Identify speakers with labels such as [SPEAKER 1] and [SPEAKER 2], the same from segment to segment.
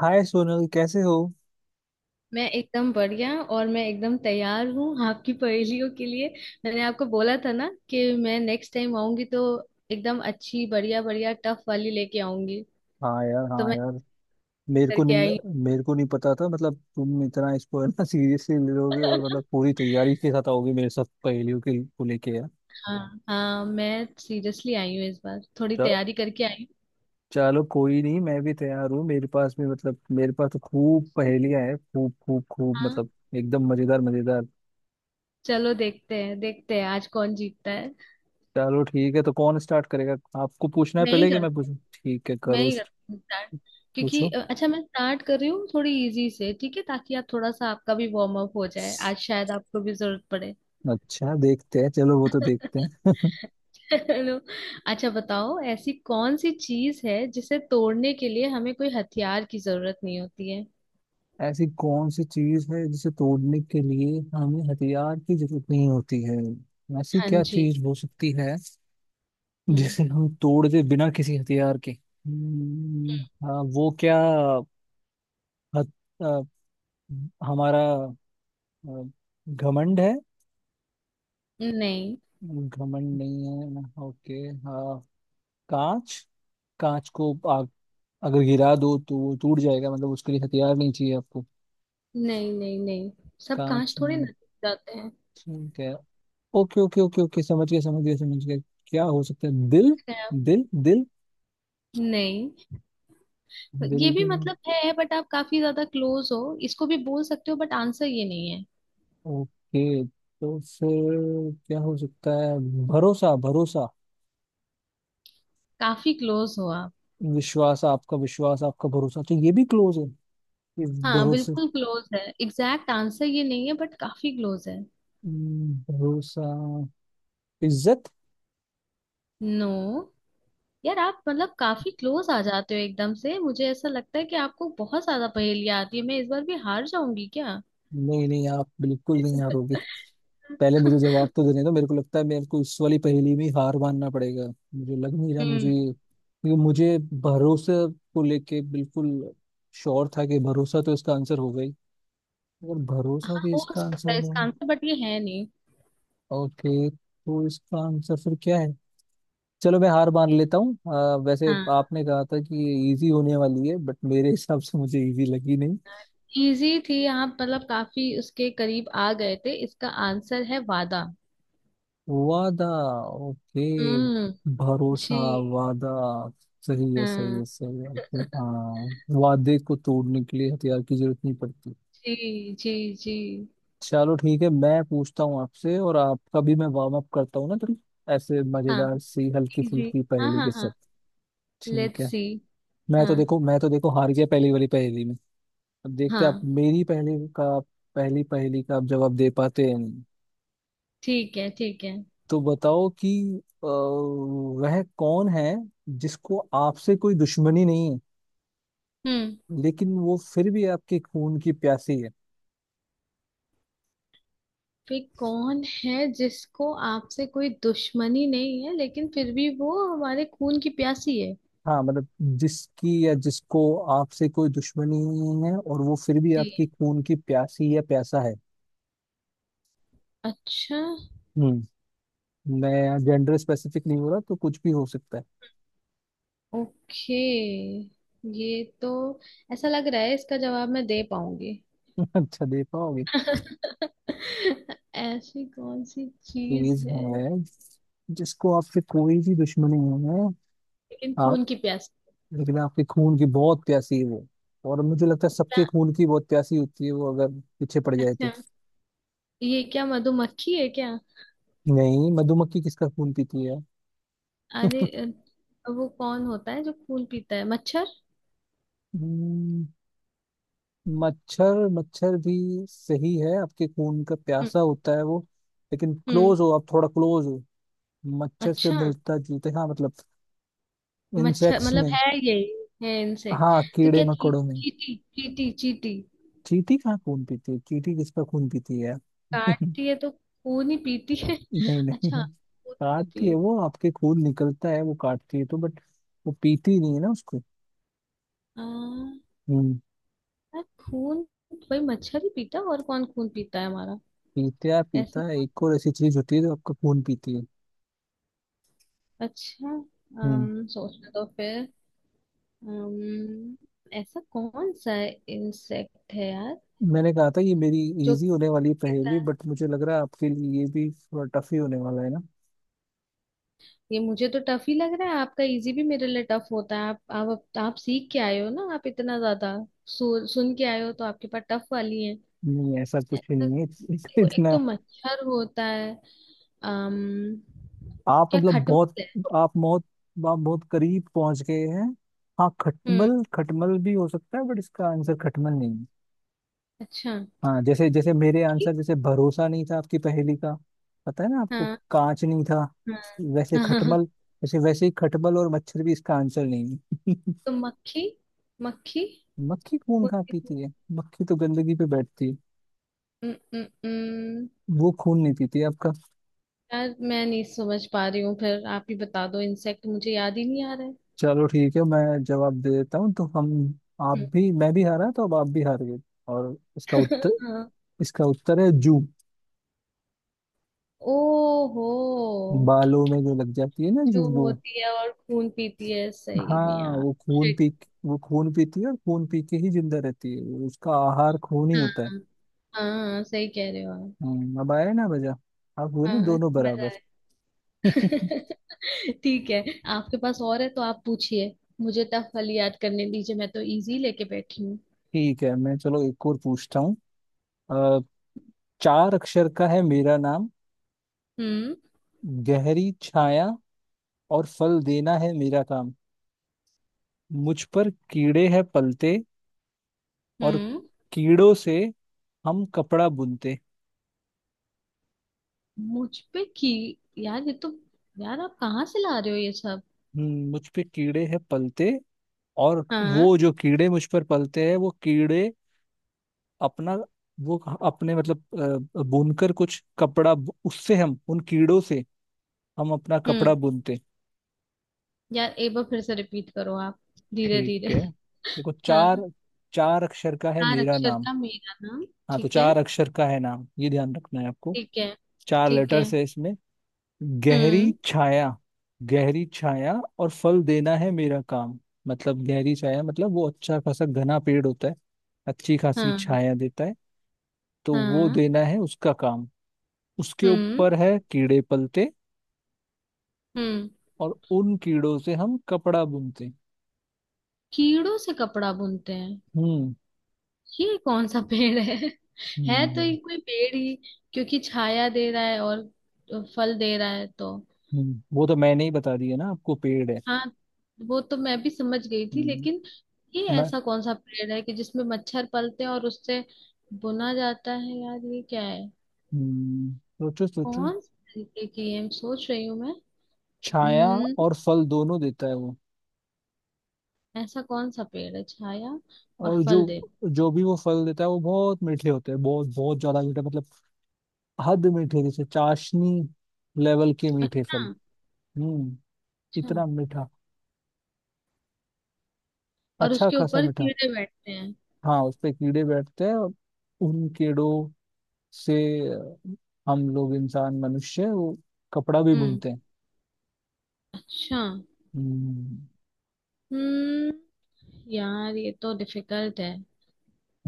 [SPEAKER 1] हाय सोनल, कैसे हो?
[SPEAKER 2] मैं एकदम बढ़िया और मैं एकदम तैयार हूँ आपकी पहेलियों के लिए। मैंने आपको बोला था ना कि मैं नेक्स्ट टाइम आऊंगी तो एकदम अच्छी बढ़िया बढ़िया टफ वाली लेके आऊंगी।
[SPEAKER 1] हाँ यार,
[SPEAKER 2] तो
[SPEAKER 1] हाँ
[SPEAKER 2] मैं
[SPEAKER 1] यार। मेरे को
[SPEAKER 2] करके आई
[SPEAKER 1] नहीं मेरे को नहीं पता था, मतलब तुम इतना इसको है ना सीरियसली ले लोगे और
[SPEAKER 2] हूँ।
[SPEAKER 1] मतलब पूरी तैयारी के साथ आओगे मेरे साथ पहेलियों के को लेके यार।
[SPEAKER 2] हाँ। हाँ मैं सीरियसली आई हूँ इस बार थोड़ी
[SPEAKER 1] च-
[SPEAKER 2] तैयारी करके आई हूँ।
[SPEAKER 1] चलो कोई नहीं, मैं भी तैयार हूँ, मेरे पास भी, मतलब मेरे पास तो खूब पहेलियां हैं, खूब खूब खूब,
[SPEAKER 2] हाँ।
[SPEAKER 1] मतलब एकदम मजेदार मजेदार।
[SPEAKER 2] चलो देखते हैं आज कौन जीतता है।
[SPEAKER 1] चलो ठीक है, तो कौन स्टार्ट करेगा? आपको पूछना है
[SPEAKER 2] मैं ही
[SPEAKER 1] पहले कि मैं
[SPEAKER 2] करती
[SPEAKER 1] पूछूं? ठीक है,
[SPEAKER 2] मैं
[SPEAKER 1] करो।
[SPEAKER 2] ही करती हूँ स्टार्ट। क्योंकि
[SPEAKER 1] पूछो।
[SPEAKER 2] अच्छा मैं स्टार्ट कर रही हूँ थोड़ी इजी से। ठीक है ताकि आप थोड़ा सा आपका भी वार्म अप हो जाए आज शायद आपको भी जरूरत पड़े।
[SPEAKER 1] अच्छा देखते हैं, चलो वो तो देखते हैं।
[SPEAKER 2] चलो। अच्छा बताओ ऐसी कौन सी चीज है जिसे तोड़ने के लिए हमें कोई हथियार की जरूरत नहीं होती है?
[SPEAKER 1] ऐसी कौन सी चीज है जिसे तोड़ने के लिए हमें हथियार की जरूरत नहीं होती है? ऐसी
[SPEAKER 2] हाँ
[SPEAKER 1] क्या
[SPEAKER 2] जी।
[SPEAKER 1] चीज हो सकती है
[SPEAKER 2] हम्म।
[SPEAKER 1] जिसे हम तोड़ दे बिना किसी हथियार के? हाँ, वो क्या? हथ, अ, हमारा अ, घमंड है?
[SPEAKER 2] नहीं
[SPEAKER 1] घमंड नहीं है, ओके। हाँ, कांच। कांच को आप अगर गिरा दो तो वो टूट जाएगा, मतलब उसके लिए हथियार नहीं चाहिए आपको।
[SPEAKER 2] नहीं नहीं नहीं, सब
[SPEAKER 1] कांच
[SPEAKER 2] कांच थोड़े ना
[SPEAKER 1] में
[SPEAKER 2] टूट जाते हैं।
[SPEAKER 1] ठीक है। ओके ओके ओके ओके, समझ गया समझ गया समझ गया। क्या हो सकता है, दिल?
[SPEAKER 2] खैर,
[SPEAKER 1] दिल, दिल।
[SPEAKER 2] नहीं
[SPEAKER 1] दिल
[SPEAKER 2] ये भी
[SPEAKER 1] भी नहीं?
[SPEAKER 2] मतलब है बट आप काफी ज्यादा क्लोज हो इसको भी बोल सकते हो बट आंसर ये नहीं है।
[SPEAKER 1] ओके, तो फिर क्या हो सकता है? भरोसा, भरोसा?
[SPEAKER 2] काफी क्लोज हो आप।
[SPEAKER 1] विश्वास, आपका विश्वास, आपका भरोसा, तो ये भी क्लोज है? ये
[SPEAKER 2] हाँ
[SPEAKER 1] भरोसे,
[SPEAKER 2] बिल्कुल क्लोज है, एग्जैक्ट आंसर ये नहीं है बट काफी क्लोज है।
[SPEAKER 1] भरोसा? इज्जत?
[SPEAKER 2] नो। यार आप मतलब काफी क्लोज आ जाते हो एकदम से, मुझे ऐसा लगता है कि आपको बहुत ज्यादा पहेलियां आती है, मैं इस बार भी हार जाऊंगी क्या?
[SPEAKER 1] नहीं नहीं, आप बिल्कुल नहीं हारोगे। पहले मुझे जवाब तो देने दो, मेरे को लगता है मेरे को इस वाली पहेली में हार मानना पड़ेगा। मुझे लग नहीं रहा, मुझे,
[SPEAKER 2] हम्म।
[SPEAKER 1] क्योंकि मुझे भरोसे को लेके बिल्कुल श्योर था कि भरोसा तो इसका आंसर होगा ही। अगर भरोसा भी
[SPEAKER 2] हो
[SPEAKER 1] इसका आंसर
[SPEAKER 2] सकता है
[SPEAKER 1] हो।
[SPEAKER 2] इसका आंसर बट ये है नहीं।
[SPEAKER 1] ओके, तो इसका आंसर फिर क्या है? चलो, मैं हार मान लेता हूँ। वैसे
[SPEAKER 2] हाँ।
[SPEAKER 1] आपने कहा था कि ये इजी होने वाली है, बट मेरे हिसाब से मुझे इजी लगी नहीं।
[SPEAKER 2] इजी थी, आप मतलब काफी उसके करीब आ गए थे, इसका आंसर है वादा।
[SPEAKER 1] वादा? ओके।
[SPEAKER 2] हम्म।
[SPEAKER 1] भरोसा,
[SPEAKER 2] जी।
[SPEAKER 1] वादा। सही है सही
[SPEAKER 2] हाँ
[SPEAKER 1] है सही है, okay, हाँ, वादे को तोड़ने के लिए हथियार की जरूरत नहीं पड़ती।
[SPEAKER 2] जी जी जी।
[SPEAKER 1] चलो ठीक है, मैं पूछता हूँ आपसे, और आपका भी मैं वार्म अप करता हूँ ना थोड़ी, ऐसे
[SPEAKER 2] हाँ
[SPEAKER 1] मजेदार सी हल्की
[SPEAKER 2] इजी।
[SPEAKER 1] फुल्की
[SPEAKER 2] हाँ
[SPEAKER 1] पहेली
[SPEAKER 2] हाँ
[SPEAKER 1] के
[SPEAKER 2] हाँ।
[SPEAKER 1] साथ। ठीक
[SPEAKER 2] लेट्स
[SPEAKER 1] है।
[SPEAKER 2] सी।
[SPEAKER 1] मैं
[SPEAKER 2] हाँ।
[SPEAKER 1] तो देखो मैं तो देखो हार गया पहली वाली पहेली में, अब देखते हैं आप
[SPEAKER 2] हाँ।
[SPEAKER 1] मेरी पहली पहेली का आप जवाब दे पाते हैं।
[SPEAKER 2] ठीक है ठीक है।
[SPEAKER 1] तो बताओ कि वह कौन है जिसको आपसे कोई दुश्मनी नहीं है,
[SPEAKER 2] हम्म।
[SPEAKER 1] लेकिन वो फिर भी आपके खून की प्यासी है?
[SPEAKER 2] वे कौन है जिसको आपसे कोई दुश्मनी नहीं है लेकिन फिर भी वो हमारे खून की प्यासी है?
[SPEAKER 1] हाँ, मतलब जिसकी या जिसको आपसे कोई दुश्मनी नहीं है और वो फिर भी
[SPEAKER 2] नहीं।
[SPEAKER 1] आपकी खून की प्यासी या प्यासा है।
[SPEAKER 2] अच्छा।
[SPEAKER 1] हम्म मैं जेंडर स्पेसिफिक नहीं हो रहा, तो कुछ भी हो सकता है।
[SPEAKER 2] ओके। ये तो ऐसा लग रहा है इसका जवाब मैं दे पाऊंगी।
[SPEAKER 1] अच्छा, दे पाओगे?
[SPEAKER 2] ऐसी कौन सी चीज
[SPEAKER 1] चीज
[SPEAKER 2] है।
[SPEAKER 1] है जिसको आपसे कोई भी दुश्मनी नहीं है
[SPEAKER 2] लेकिन
[SPEAKER 1] आप,
[SPEAKER 2] खून की प्यासी।
[SPEAKER 1] लेकिन आपके खून की बहुत प्यासी है वो, और मुझे लगता है सबके
[SPEAKER 2] क्या-
[SPEAKER 1] खून की बहुत प्यासी होती है वो अगर पीछे पड़ जाए तो।
[SPEAKER 2] अच्छा ये क्या मधुमक्खी है क्या?
[SPEAKER 1] नहीं, मधुमक्खी किसका खून पीती है?
[SPEAKER 2] अरे। वो कौन होता है जो खून पीता है? मच्छर?
[SPEAKER 1] हम्म, मच्छर, मच्छर भी सही है, आपके खून का
[SPEAKER 2] हम्म।
[SPEAKER 1] प्यासा होता है वो, लेकिन
[SPEAKER 2] हम्म।
[SPEAKER 1] क्लोज हो आप, थोड़ा क्लोज हो। मच्छर से
[SPEAKER 2] अच्छा।
[SPEAKER 1] मिलता जुलता, हाँ मतलब
[SPEAKER 2] मच्छर
[SPEAKER 1] इंसेक्ट्स
[SPEAKER 2] मतलब
[SPEAKER 1] में।
[SPEAKER 2] है यही। है इंसेक्ट।
[SPEAKER 1] हाँ,
[SPEAKER 2] तो
[SPEAKER 1] कीड़े
[SPEAKER 2] क्या
[SPEAKER 1] मकोड़ों में।
[SPEAKER 2] चीटी चीटी चीटी?
[SPEAKER 1] चींटी कहाँ खून पीती है, चींटी किसका खून पीती है?
[SPEAKER 2] काटती है तो खून ही पीती है।
[SPEAKER 1] नहीं, नहीं
[SPEAKER 2] अच्छा।
[SPEAKER 1] है।
[SPEAKER 2] खून
[SPEAKER 1] काटती
[SPEAKER 2] पीती
[SPEAKER 1] है,
[SPEAKER 2] है।
[SPEAKER 1] वो आपके खून निकलता है वो काटती है तो, बट वो पीती नहीं है ना उसको।
[SPEAKER 2] आ,
[SPEAKER 1] हम्म
[SPEAKER 2] यार खून, भाई मच्छर ही पीता है, और कौन खून पीता है हमारा?
[SPEAKER 1] पीता पीता
[SPEAKER 2] ऐसी।
[SPEAKER 1] है एक और ऐसी चीज होती है जो आपका खून पीती है।
[SPEAKER 2] अच्छा।
[SPEAKER 1] हम्म
[SPEAKER 2] सोचने दो फिर। अम, ऐसा कौन सा इंसेक्ट है यार
[SPEAKER 1] मैंने कहा था ये मेरी
[SPEAKER 2] जो
[SPEAKER 1] इजी होने वाली पहेली,
[SPEAKER 2] पीता।
[SPEAKER 1] बट मुझे लग रहा है आपके लिए ये भी थोड़ा टफ ही होने वाला है ना।
[SPEAKER 2] ये मुझे तो टफ ही लग रहा है, आपका इजी भी मेरे लिए टफ होता है। आप सीख के आए हो ना, आप इतना ज्यादा सुन के आए हो तो आपके पास टफ वाली है।
[SPEAKER 1] नहीं, ऐसा कुछ ही
[SPEAKER 2] तो
[SPEAKER 1] नहीं है।
[SPEAKER 2] देखो एक
[SPEAKER 1] इतना
[SPEAKER 2] तो मच्छर होता है। अम
[SPEAKER 1] आप
[SPEAKER 2] क्या
[SPEAKER 1] मतलब
[SPEAKER 2] खटमल
[SPEAKER 1] बहुत,
[SPEAKER 2] है?
[SPEAKER 1] आप बहुत आप बहुत करीब पहुंच गए हैं। हाँ,
[SPEAKER 2] हम्म।
[SPEAKER 1] खटमल, खटमल भी हो सकता है, बट इसका आंसर खटमल नहीं।
[SPEAKER 2] अच्छा।
[SPEAKER 1] हाँ, जैसे जैसे मेरे आंसर
[SPEAKER 2] ठीक,
[SPEAKER 1] जैसे भरोसा नहीं था आपकी पहेली का, पता है ना आपको,
[SPEAKER 2] हाँ
[SPEAKER 1] कांच नहीं था,
[SPEAKER 2] हाँ।
[SPEAKER 1] वैसे
[SPEAKER 2] हाँ।
[SPEAKER 1] खटमल जैसे वैसे ही खटमल और मच्छर भी इसका आंसर नहीं है।
[SPEAKER 2] तो मक्खी मक्खी
[SPEAKER 1] मक्खी खून कहाँ
[SPEAKER 2] होती है।
[SPEAKER 1] पीती है, मक्खी तो गंदगी पे बैठती है,
[SPEAKER 2] उम, उम, उम,
[SPEAKER 1] वो खून नहीं पीती है आपका।
[SPEAKER 2] यार मैं नहीं समझ पा रही हूँ, फिर आप ही बता दो, इंसेक्ट मुझे याद ही नहीं आ रहा है।
[SPEAKER 1] चलो ठीक है, मैं जवाब दे देता हूँ तो हम, आप
[SPEAKER 2] हम्म।
[SPEAKER 1] भी मैं भी हारा, तो अब आप भी हार गए। और इसका उत्तर
[SPEAKER 2] हाँ।
[SPEAKER 1] इसका उत्तर है जू।
[SPEAKER 2] ओहो।
[SPEAKER 1] बालों में जो लग जाती है ना जू
[SPEAKER 2] जो
[SPEAKER 1] वो।
[SPEAKER 2] होती है और खून पीती है सही में
[SPEAKER 1] हाँ,
[SPEAKER 2] यार। शिट।
[SPEAKER 1] वो खून पीती है और खून पी के ही जिंदा रहती है वो, उसका आहार खून ही
[SPEAKER 2] हाँ।
[SPEAKER 1] होता है।
[SPEAKER 2] हाँ सही कह रहे हो आप।
[SPEAKER 1] अब आया ना मजा, अब हुए ना
[SPEAKER 2] हाँ
[SPEAKER 1] दोनों
[SPEAKER 2] मजा
[SPEAKER 1] बराबर।
[SPEAKER 2] आया। ठीक है। आपके पास और है तो आप पूछिए। मुझे टफ वाली याद करने दीजिए, मैं तो इजी लेके बैठी हूँ।
[SPEAKER 1] ठीक है, मैं चलो एक और पूछता हूँ। अ, चार अक्षर का है मेरा नाम,
[SPEAKER 2] हम्म।
[SPEAKER 1] गहरी छाया, और फल देना है मेरा काम, मुझ पर कीड़े हैं पलते, और
[SPEAKER 2] हम्म।
[SPEAKER 1] कीड़ों से हम कपड़ा बुनते।
[SPEAKER 2] मुझ पे की यार ये तो यार आप कहाँ से ला रहे हो ये सब?
[SPEAKER 1] मुझ पे कीड़े हैं पलते, और
[SPEAKER 2] हाँ।
[SPEAKER 1] वो जो कीड़े मुझ पर पलते हैं, वो कीड़े अपना, वो अपने मतलब बुनकर कुछ कपड़ा उससे हम उन कीड़ों से हम अपना कपड़ा
[SPEAKER 2] हम्म।
[SPEAKER 1] बुनते।
[SPEAKER 2] यार एक बार फिर से रिपीट करो आप, धीरे धीरे।
[SPEAKER 1] ठीक है, देखो
[SPEAKER 2] हाँ
[SPEAKER 1] चार, चार अक्षर का है
[SPEAKER 2] चार
[SPEAKER 1] मेरा
[SPEAKER 2] अक्षर
[SPEAKER 1] नाम,
[SPEAKER 2] का मेरा नाम।
[SPEAKER 1] हाँ तो
[SPEAKER 2] ठीक है
[SPEAKER 1] चार अक्षर का है नाम, ये ध्यान रखना है आपको।
[SPEAKER 2] ठीक है
[SPEAKER 1] चार
[SPEAKER 2] ठीक है।
[SPEAKER 1] लेटर्स है इसमें। गहरी
[SPEAKER 2] हम्म।
[SPEAKER 1] छाया, गहरी छाया और फल देना है मेरा काम, मतलब गहरी छाया मतलब वो अच्छा खासा घना पेड़ होता है, अच्छी खासी
[SPEAKER 2] हाँ
[SPEAKER 1] छाया देता है, तो वो
[SPEAKER 2] हाँ।
[SPEAKER 1] देना है उसका काम, उसके
[SPEAKER 2] हम्म
[SPEAKER 1] ऊपर है कीड़े पलते,
[SPEAKER 2] हम्म,
[SPEAKER 1] और उन कीड़ों से हम कपड़ा बुनते हैं।
[SPEAKER 2] कीड़ों से कपड़ा बुनते हैं।
[SPEAKER 1] हम्म।
[SPEAKER 2] ये कौन सा पेड़ है? है
[SPEAKER 1] हम्म।
[SPEAKER 2] तो ये कोई पेड़ ही, क्योंकि छाया दे रहा है और फल दे रहा है तो।
[SPEAKER 1] वो तो मैंने ही बता दिया ना आपको, पेड़ है।
[SPEAKER 2] हाँ। वो तो मैं भी समझ गई थी
[SPEAKER 1] हम्म,
[SPEAKER 2] लेकिन ये
[SPEAKER 1] मैं।
[SPEAKER 2] ऐसा कौन सा पेड़ है कि जिसमें मच्छर पलते हैं और उससे बुना जाता है? यार ये क्या है?
[SPEAKER 1] हम्म, सोचो सोचो।
[SPEAKER 2] कौन से तरीके की है सोच रही हूँ मैं।
[SPEAKER 1] छाया
[SPEAKER 2] हम्म।
[SPEAKER 1] और फल दोनों देता है वो,
[SPEAKER 2] ऐसा कौन सा पेड़ है? छाया और
[SPEAKER 1] और जो
[SPEAKER 2] फल दे।
[SPEAKER 1] जो भी वो फल देता है वो बहुत मीठे होते हैं, बहुत बहुत ज्यादा मीठे, मतलब हद मीठे, जैसे चाशनी लेवल के मीठे फल।
[SPEAKER 2] अच्छा।
[SPEAKER 1] हम्म।
[SPEAKER 2] अच्छा
[SPEAKER 1] इतना मीठा,
[SPEAKER 2] और
[SPEAKER 1] अच्छा
[SPEAKER 2] उसके
[SPEAKER 1] खासा
[SPEAKER 2] ऊपर
[SPEAKER 1] मीठा।
[SPEAKER 2] कीड़े बैठते हैं?
[SPEAKER 1] हाँ, उस पे कीड़े बैठते हैं और उन कीड़ों से हम लोग, इंसान मनुष्य, वो कपड़ा भी
[SPEAKER 2] हम्म।
[SPEAKER 1] बुनते
[SPEAKER 2] अच्छा।
[SPEAKER 1] हैं।
[SPEAKER 2] हम्म। यार ये तो डिफिकल्ट है।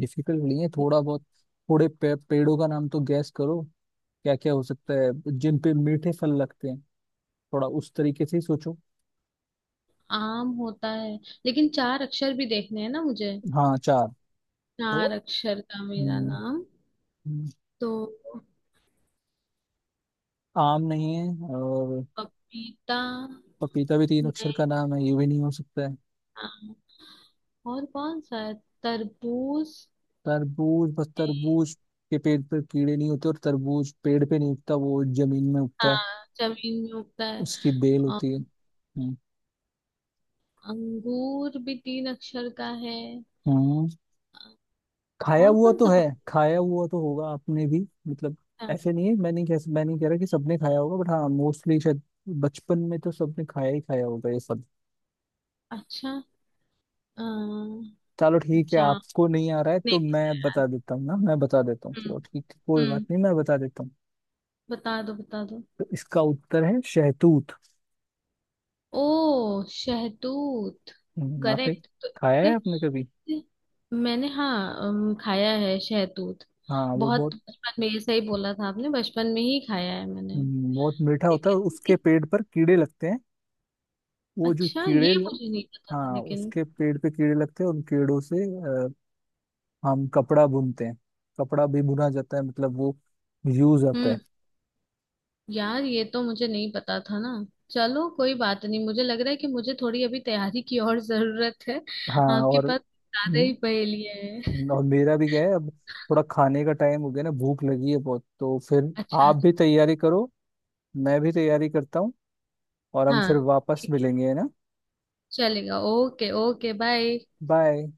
[SPEAKER 1] डिफिकल्ट नहीं है थोड़ा बहुत, पेड़ों का नाम तो गैस करो, क्या क्या हो सकता है जिन पे मीठे फल लगते हैं, थोड़ा उस तरीके से ही सोचो।
[SPEAKER 2] आम होता है लेकिन चार अक्षर भी देखने हैं ना मुझे।
[SPEAKER 1] हाँ, चार तो,
[SPEAKER 2] चार अक्षर का मेरा
[SPEAKER 1] हम्म,
[SPEAKER 2] नाम।
[SPEAKER 1] हम्म,
[SPEAKER 2] तो
[SPEAKER 1] आम नहीं है, और
[SPEAKER 2] पपीता।
[SPEAKER 1] पपीता भी तीन अक्षर
[SPEAKER 2] नहीं
[SPEAKER 1] का नाम है, ये भी नहीं हो सकता है।
[SPEAKER 2] आम और कौन सा है? तरबूज।
[SPEAKER 1] तरबूज, बस
[SPEAKER 2] नहीं।
[SPEAKER 1] तरबूज के पेड़ पर कीड़े नहीं होते, और तरबूज पेड़ पे नहीं उगता, वो जमीन में उगता है,
[SPEAKER 2] हाँ जमीन में उगता है।
[SPEAKER 1] उसकी बेल
[SPEAKER 2] अ-
[SPEAKER 1] होती है।
[SPEAKER 2] अंगूर भी तीन अक्षर का है।
[SPEAKER 1] हम्म,
[SPEAKER 2] अ,
[SPEAKER 1] खाया
[SPEAKER 2] और
[SPEAKER 1] हुआ
[SPEAKER 2] कौन
[SPEAKER 1] तो
[SPEAKER 2] सा?
[SPEAKER 1] है,
[SPEAKER 2] पपीता।
[SPEAKER 1] खाया हुआ तो होगा आपने भी, मतलब ऐसे नहीं है, मैं नहीं कह रहा कि सबने खाया होगा, बट हाँ मोस्टली शायद बचपन में तो सबने खाया ही खाया होगा ये सब।
[SPEAKER 2] अच्छा। अ,
[SPEAKER 1] चलो ठीक है,
[SPEAKER 2] जाम।
[SPEAKER 1] आपको नहीं आ रहा है
[SPEAKER 2] नहीं
[SPEAKER 1] तो
[SPEAKER 2] पता
[SPEAKER 1] मैं
[SPEAKER 2] यार।
[SPEAKER 1] बता देता हूँ ना, मैं बता देता हूँ,
[SPEAKER 2] हम्म।
[SPEAKER 1] चलो ठीक है कोई बात
[SPEAKER 2] हम्म।
[SPEAKER 1] नहीं, मैं बता देता हूँ।
[SPEAKER 2] बता दो बता दो।
[SPEAKER 1] तो इसका उत्तर है शहतूत।
[SPEAKER 2] ओ शहतूत।
[SPEAKER 1] आपने
[SPEAKER 2] करेक्ट।
[SPEAKER 1] खाया है आपने कभी?
[SPEAKER 2] मैंने, हाँ, खाया है शहतूत।
[SPEAKER 1] हाँ, वो
[SPEAKER 2] बहुत
[SPEAKER 1] बहुत,
[SPEAKER 2] बचपन में, ये सही बोला था आपने, बचपन में ही खाया है मैंने।
[SPEAKER 1] बहुत मीठा होता है और
[SPEAKER 2] लेकिन
[SPEAKER 1] उसके
[SPEAKER 2] ये-
[SPEAKER 1] पेड़ पर कीड़े लगते हैं, वो जो
[SPEAKER 2] अच्छा
[SPEAKER 1] कीड़े
[SPEAKER 2] ये
[SPEAKER 1] ल-
[SPEAKER 2] मुझे नहीं पता था
[SPEAKER 1] हाँ
[SPEAKER 2] लेकिन।
[SPEAKER 1] उसके पेड़ पे कीड़े लगते हैं, उन कीड़ों से हम कपड़ा बुनते हैं, कपड़ा भी बुना जाता है, मतलब वो यूज आता
[SPEAKER 2] हम्म।
[SPEAKER 1] है।
[SPEAKER 2] यार ये तो मुझे नहीं पता था ना। चलो कोई बात नहीं, मुझे लग रहा है कि मुझे थोड़ी अभी तैयारी की और जरूरत है।
[SPEAKER 1] हाँ,
[SPEAKER 2] आपके
[SPEAKER 1] और
[SPEAKER 2] पास ज्यादा ही पहेलियां हैं।
[SPEAKER 1] और मेरा भी क्या है अब, थोड़ा खाने का टाइम हो गया ना, भूख लगी है बहुत, तो फिर
[SPEAKER 2] अच्छा।
[SPEAKER 1] आप भी तैयारी करो, मैं भी तैयारी करता हूँ और हम फिर
[SPEAKER 2] हाँ
[SPEAKER 1] वापस मिलेंगे है ना।
[SPEAKER 2] चलेगा, ओके ओके, बाय।
[SPEAKER 1] बाय।